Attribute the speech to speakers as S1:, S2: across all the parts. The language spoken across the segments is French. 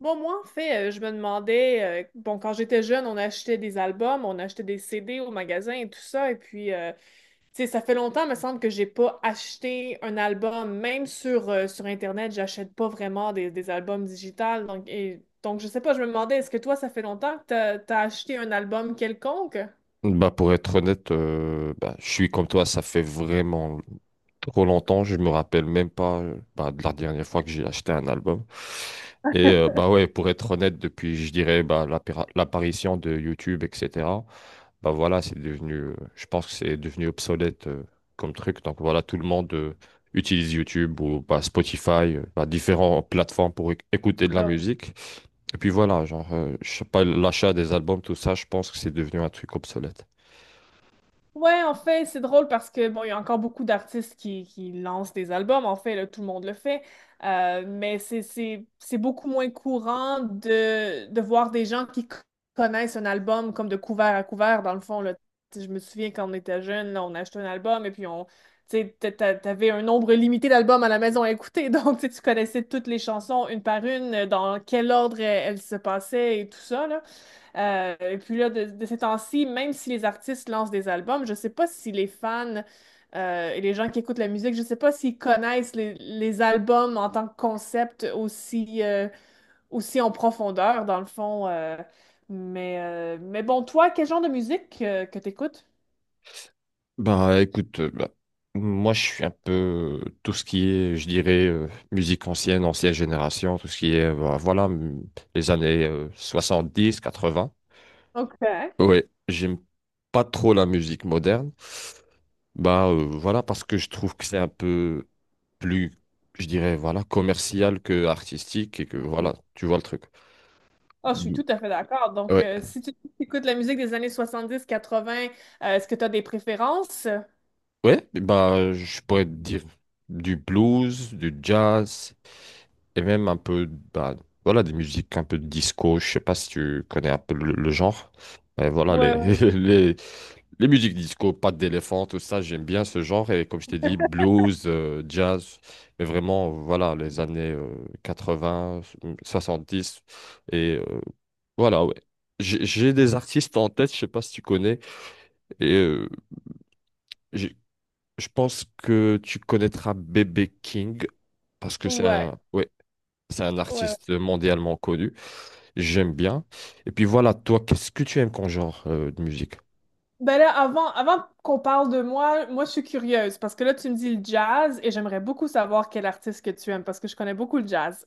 S1: Bon, moi, en fait, je me demandais, bon, quand j'étais jeune, on achetait des albums, on achetait des CD au magasin et tout ça. Et puis, tu sais, ça fait longtemps, me semble, que j'ai pas acheté un album. Même sur, sur Internet, j'achète pas vraiment des albums digitales. Donc, donc, je sais pas, je me demandais, est-ce que toi, ça fait longtemps que t'as acheté un album quelconque?
S2: Pour être honnête, je suis comme toi, ça fait vraiment trop longtemps, je me rappelle même pas de la dernière fois que j'ai acheté un album. Ouais, pour être honnête, depuis je dirais l'apparition de YouTube, etc. C'est devenu, je pense que c'est devenu obsolète comme truc. Donc voilà, tout le monde utilise YouTube ou Spotify, différentes plateformes pour écouter de la musique. Et puis voilà, je sais pas, l'achat des albums, tout ça, je pense que c'est devenu un truc obsolète.
S1: Ouais, en fait, c'est drôle parce que bon, il y a encore beaucoup d'artistes qui lancent des albums. En fait, là, tout le monde le fait. Mais c'est beaucoup moins courant de voir des gens qui connaissent un album comme de couvert à couvert, dans le fond, là. Tu sais, je me souviens quand on était jeune, là, on achetait un album et puis on, tu sais, t'avais un nombre limité d'albums à la maison à écouter, donc tu sais, tu connaissais toutes les chansons une par une, dans quel ordre elles se passaient et tout ça, là. Et puis là, de ces temps-ci, même si les artistes lancent des albums, je sais pas si les fans et les gens qui écoutent la musique, je sais pas s'ils connaissent les albums en tant que concept aussi, aussi en profondeur, dans le fond. Mais bon, toi, quel genre de musique que tu écoutes?
S2: Bah écoute, moi je suis un peu tout ce qui est, je dirais, musique ancienne, ancienne génération, tout ce qui est, bah, voilà, les années soixante-dix, quatre-vingts.
S1: OK.
S2: Ouais, j'aime pas trop la musique moderne. Voilà, parce que je trouve que c'est un peu plus, je dirais, voilà, commercial que artistique et que
S1: Mm.
S2: voilà, tu vois le truc.
S1: Ah, je suis
S2: Mm.
S1: tout à fait d'accord. Donc,
S2: Ouais,
S1: si tu écoutes la musique des années 70-80, est-ce que tu as des préférences?
S2: ouais, bah je pourrais te dire du blues, du jazz, et même un peu, bah, voilà, des musiques un peu de disco. Je sais pas si tu connais un peu le genre, mais voilà les,
S1: Ouais, ouais,
S2: les les musiques disco pattes d'éléphant, tout ça, j'aime bien ce genre. Et comme je t'ai dit, blues jazz, mais vraiment voilà les années 80, 70. et euh, voilà ouais, j'ai des artistes en tête, je sais pas si tu connais. et euh, j'ai- je pense que tu connaîtras Bébé King, parce que c'est
S1: ouais.
S2: un, ouais, c'est un
S1: Ouais.
S2: artiste mondialement connu. J'aime bien. Et puis voilà, toi, qu'est-ce que tu aimes comme genre de musique?
S1: Ben là, avant qu'on parle de moi, moi je suis curieuse parce que là tu me dis le jazz et j'aimerais beaucoup savoir quel artiste que tu aimes parce que je connais beaucoup le jazz.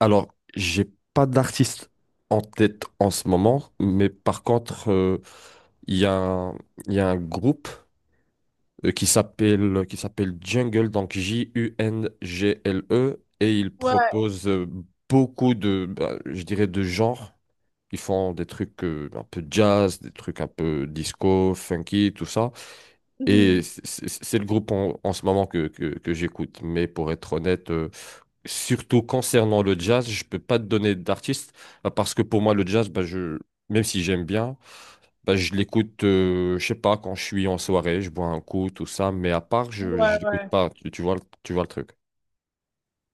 S2: Alors, j'ai pas d'artiste en tête en ce moment, mais par contre, il y a un, il y a un groupe qui s'appelle Jungle, donc J-U-N-G-L-E, et ils
S1: Ouais.
S2: proposent beaucoup de, bah, je dirais, de genres. Ils font des trucs un peu jazz, des trucs un peu disco, funky, tout ça. Et
S1: Mhm.
S2: c'est le groupe en ce moment que j'écoute. Mais pour être honnête, surtout concernant le jazz, je peux pas te donner d'artiste, bah, parce que pour moi, le jazz, même si j'aime bien, bah, je l'écoute, je sais pas, quand je suis en soirée, je bois un coup, tout ça. Mais à part, je
S1: Ouais,
S2: l'écoute
S1: ouais.
S2: pas. Tu vois, tu vois le truc.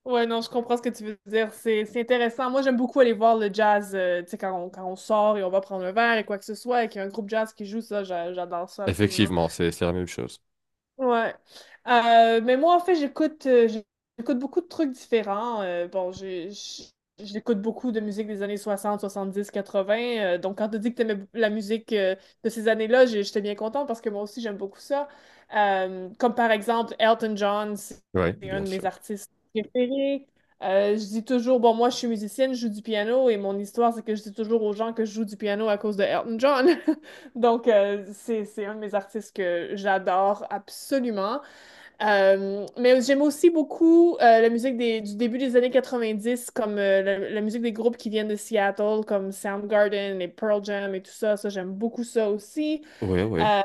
S1: Ouais, non, je comprends ce que tu veux dire. C'est intéressant. Moi, j'aime beaucoup aller voir le jazz, tu sais, quand on sort et on va prendre un verre et quoi que ce soit et qu'il y a un groupe jazz qui joue ça, j'adore ça absolument.
S2: Effectivement, c'est la même chose.
S1: Ouais. Mais moi, en fait, j'écoute beaucoup de trucs différents. Bon, j'écoute beaucoup de musique des années 60, 70, 80. Donc, quand tu dis que tu la musique de ces années-là, j'étais bien contente parce que moi aussi, j'aime beaucoup ça. Comme par exemple, Elton John, c'est
S2: Oui,
S1: c'est un
S2: bien
S1: de mes
S2: sûr.
S1: artistes préférés. Je dis toujours, bon, moi, je suis musicienne, je joue du piano et mon histoire, c'est que je dis toujours aux gens que je joue du piano à cause de Elton John. Donc, c'est un de mes artistes que j'adore absolument. Mais j'aime aussi beaucoup la musique du début des années 90, comme la musique des groupes qui viennent de Seattle, comme Soundgarden et Pearl Jam et tout ça. Ça, j'aime beaucoup ça aussi.
S2: Oui, oui.
S1: Euh,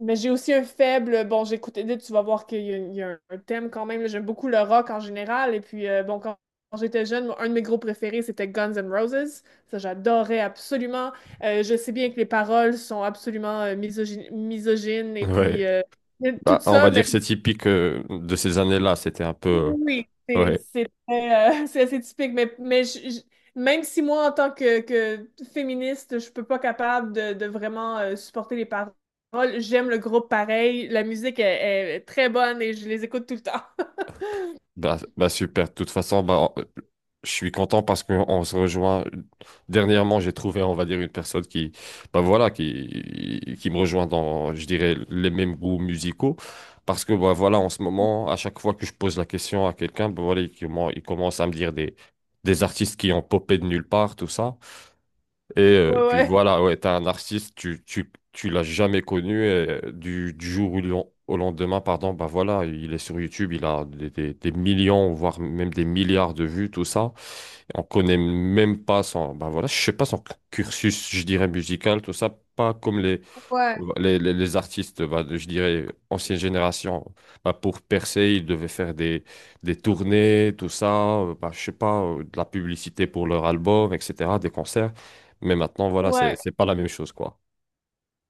S1: mais j'ai aussi un faible. Bon, j'écoute Edith, tu vas voir qu'il y a, il y a un thème quand même, là. J'aime beaucoup le rock en général. Et puis, bon, quand j'étais jeune, moi, un de mes groupes préférés, c'était Guns N' Roses. Ça, j'adorais absolument. Je sais bien que les paroles sont absolument misogynes, misogynes et puis
S2: Ouais.
S1: tout
S2: Bah, on
S1: ça,
S2: va dire
S1: mais
S2: que c'est typique de ces années-là. C'était un peu.
S1: oui, c'est
S2: Ouais.
S1: c'est très, c'est assez typique, mais même si moi, en tant que féministe, je peux pas capable de vraiment supporter les paroles, j'aime le groupe pareil, la musique est très bonne et je les écoute tout le temps.
S2: Bah, bah super. De toute façon, je suis content parce qu'on se rejoint. Dernièrement, j'ai trouvé, on va dire, une personne qui, bah voilà, qui me rejoint dans, je dirais, les mêmes goûts musicaux. Parce que, bah voilà, en ce moment, à chaque fois que je pose la question à quelqu'un, bah voilà, il commence à me dire des artistes qui ont popé de nulle part, tout ça.
S1: Ouais, ouais.
S2: Ouais, t'es un artiste, tu l'as jamais connu, et du jour au au lendemain, pardon, bah voilà, il est sur YouTube, il a des millions, voire même des milliards de vues, tout ça. Et on connaît même pas son, bah voilà, je sais pas son cursus, je dirais, musical, tout ça, pas comme
S1: Ouais.
S2: les artistes, je dirais, ancienne génération. Bah, pour percer, ils devaient faire des tournées, tout ça, je sais pas, de la publicité pour leur album, etc., des concerts. Mais maintenant, voilà,
S1: Ouais.
S2: c'est pas la même chose, quoi.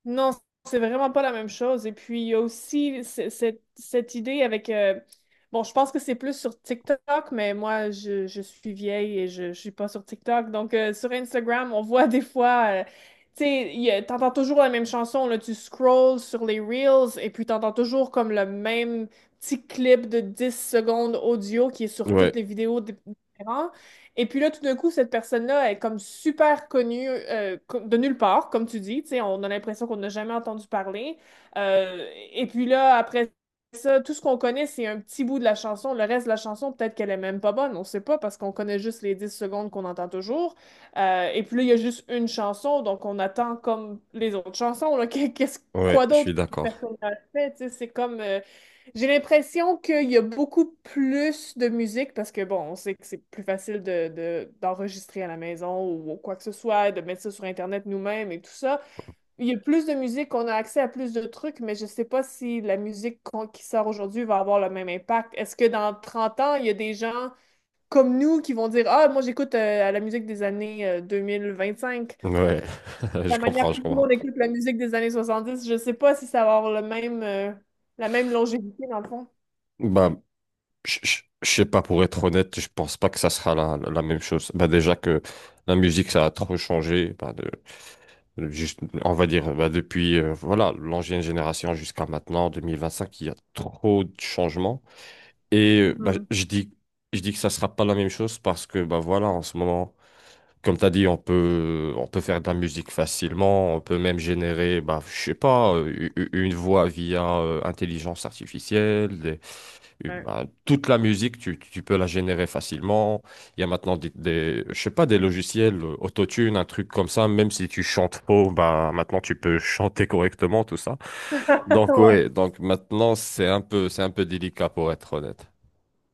S1: Non, c'est vraiment pas la même chose. Et puis, il y a aussi cette idée avec bon, je pense que c'est plus sur TikTok, mais moi, je suis vieille et je suis pas sur TikTok. Donc, sur Instagram, on voit des fois... tu sais, t'entends toujours la même chanson. Là, tu scrolls sur les Reels et puis t'entends toujours comme le même petit clip de 10 secondes audio qui est sur toutes
S2: Ouais,
S1: les vidéos différentes. Et puis là, tout d'un coup, cette personne-là est comme super connue de nulle part, comme tu dis. Tu sais, on a l'impression qu'on n'a jamais entendu parler. Euh, et puis là, après ça, tout ce qu'on connaît, c'est un petit bout de la chanson. Le reste de la chanson, peut-être qu'elle est même pas bonne. On sait pas parce qu'on connaît juste les 10 secondes qu'on entend toujours. Et puis là, il y a juste une chanson, donc on attend comme les autres chansons, là, qu'est-ce,
S2: ouais,
S1: quoi
S2: je
S1: d'autre
S2: suis
S1: que cette
S2: d'accord.
S1: personne a fait? Tu sais, c'est comme j'ai l'impression qu'il y a beaucoup plus de musique parce que, bon, on sait que c'est plus facile d'enregistrer à la maison ou quoi que ce soit, de mettre ça sur Internet nous-mêmes et tout ça. Il y a plus de musique, on a accès à plus de trucs, mais je sais pas si la musique qui sort aujourd'hui va avoir le même impact. Est-ce que dans 30 ans, il y a des gens comme nous qui vont dire, ah, moi j'écoute la musique des années 2025,
S2: Ouais, je
S1: la manière
S2: comprends,
S1: que
S2: je
S1: nous
S2: comprends.
S1: on écoute la musique des années 70? Je sais pas si ça va avoir le même, la même longévité dans le fond.
S2: Bah, je sais pas, pour être honnête, je pense pas que ça sera la même chose. Bah, déjà que la musique, ça a trop changé. Bah juste, on va dire, bah, depuis voilà, l'ancienne génération jusqu'à maintenant, 2025, il y a trop de changements. Et euh, bah, je dis, je dis que ça sera pas la même chose parce que bah, voilà, en ce moment, comme tu as dit, on peut faire de la musique facilement, on peut même générer, bah, je sais pas, une voix via intelligence artificielle,
S1: Ouais.
S2: ben, toute la musique, tu peux la générer facilement. Il y a maintenant je sais pas, des logiciels autotune, un truc comme ça. Même si tu chantes faux, ben, maintenant tu peux chanter correctement, tout ça. Donc
S1: Ouais.
S2: ouais, donc maintenant c'est un peu délicat, pour être honnête.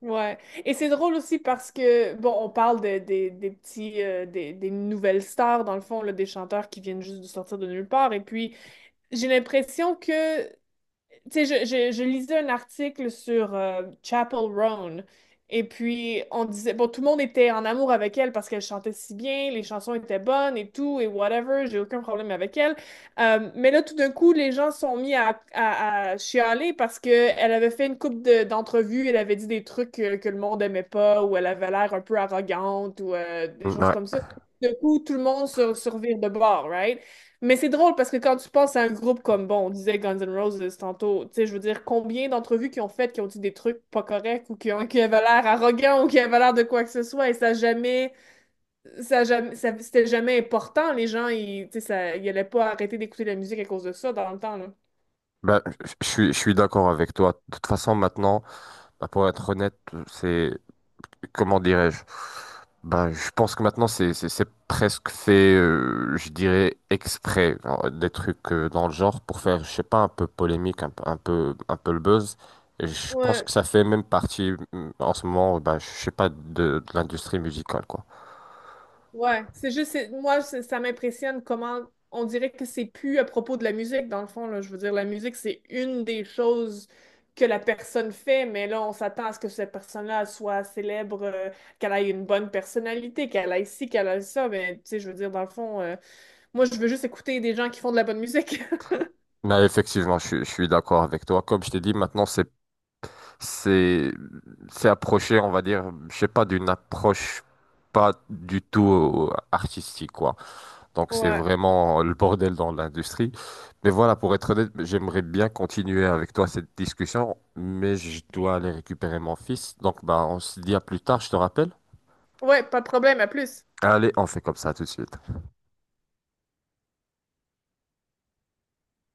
S1: Ouais. Et c'est drôle aussi parce que, bon, on parle des petits, des nouvelles stars, dans le fond, là, des chanteurs qui viennent juste de sortir de nulle part. Et puis, j'ai l'impression que tu sais, je lisais un article sur Chapel Roan. Et puis, on disait, bon, tout le monde était en amour avec elle parce qu'elle chantait si bien, les chansons étaient bonnes et tout, et whatever, j'ai aucun problème avec elle. Mais là, tout d'un coup, les gens sont mis à chialer parce qu'elle avait fait une couple d'entrevues, elle avait dit des trucs le monde aimait pas, ou elle avait l'air un peu arrogante, ou des choses
S2: Ouais.
S1: comme ça. D'un coup, tout le monde se revire de bord, right? Mais c'est drôle parce que quand tu penses à un groupe comme, bon, on disait Guns N' Roses tantôt, tu sais, je veux dire, combien d'entrevues qui ont fait, qui ont dit des trucs pas corrects ou qui avaient l'air arrogants ou qui avaient l'air de quoi que ce soit et ça jamais, ça jamais, ça- c'était jamais important. Les gens, tu sais, ça, ils allaient pas arrêter d'écouter la musique à cause de ça dans le temps, là.
S2: Bah je suis d'accord avec toi. De toute façon, maintenant, ben, pour être honnête, c'est, comment dirais-je? Ben, je pense que maintenant c'est presque fait, je dirais exprès, hein, des trucs dans le genre pour faire, je sais pas, un peu polémique, un peu le buzz. Et je pense
S1: Ouais,
S2: que ça fait même partie, en ce moment, ben, je sais pas, de l'industrie musicale, quoi.
S1: ouais, c'est juste, moi, ça m'impressionne comment on dirait que c'est plus à propos de la musique, dans le fond, là. Je veux dire, la musique, c'est une des choses que la personne fait, mais là, on s'attend à ce que cette personne-là soit célèbre, qu'elle ait une bonne personnalité, qu'elle ait ci, qu'elle ait ça. Mais tu sais, je veux dire, dans le fond, moi, je veux juste écouter des gens qui font de la bonne musique.
S2: Mais effectivement, je suis d'accord avec toi. Comme je t'ai dit, maintenant c'est c'est approché, on va dire, je sais pas, d'une approche pas du tout artistique, quoi. Donc c'est
S1: Ouais.
S2: vraiment le bordel dans l'industrie. Mais voilà, pour être honnête, j'aimerais bien continuer avec toi cette discussion, mais je dois aller récupérer mon fils. Donc bah on se dit à plus tard, je te rappelle.
S1: Ouais, pas de problème, à plus.
S2: Allez, on fait comme ça tout de suite.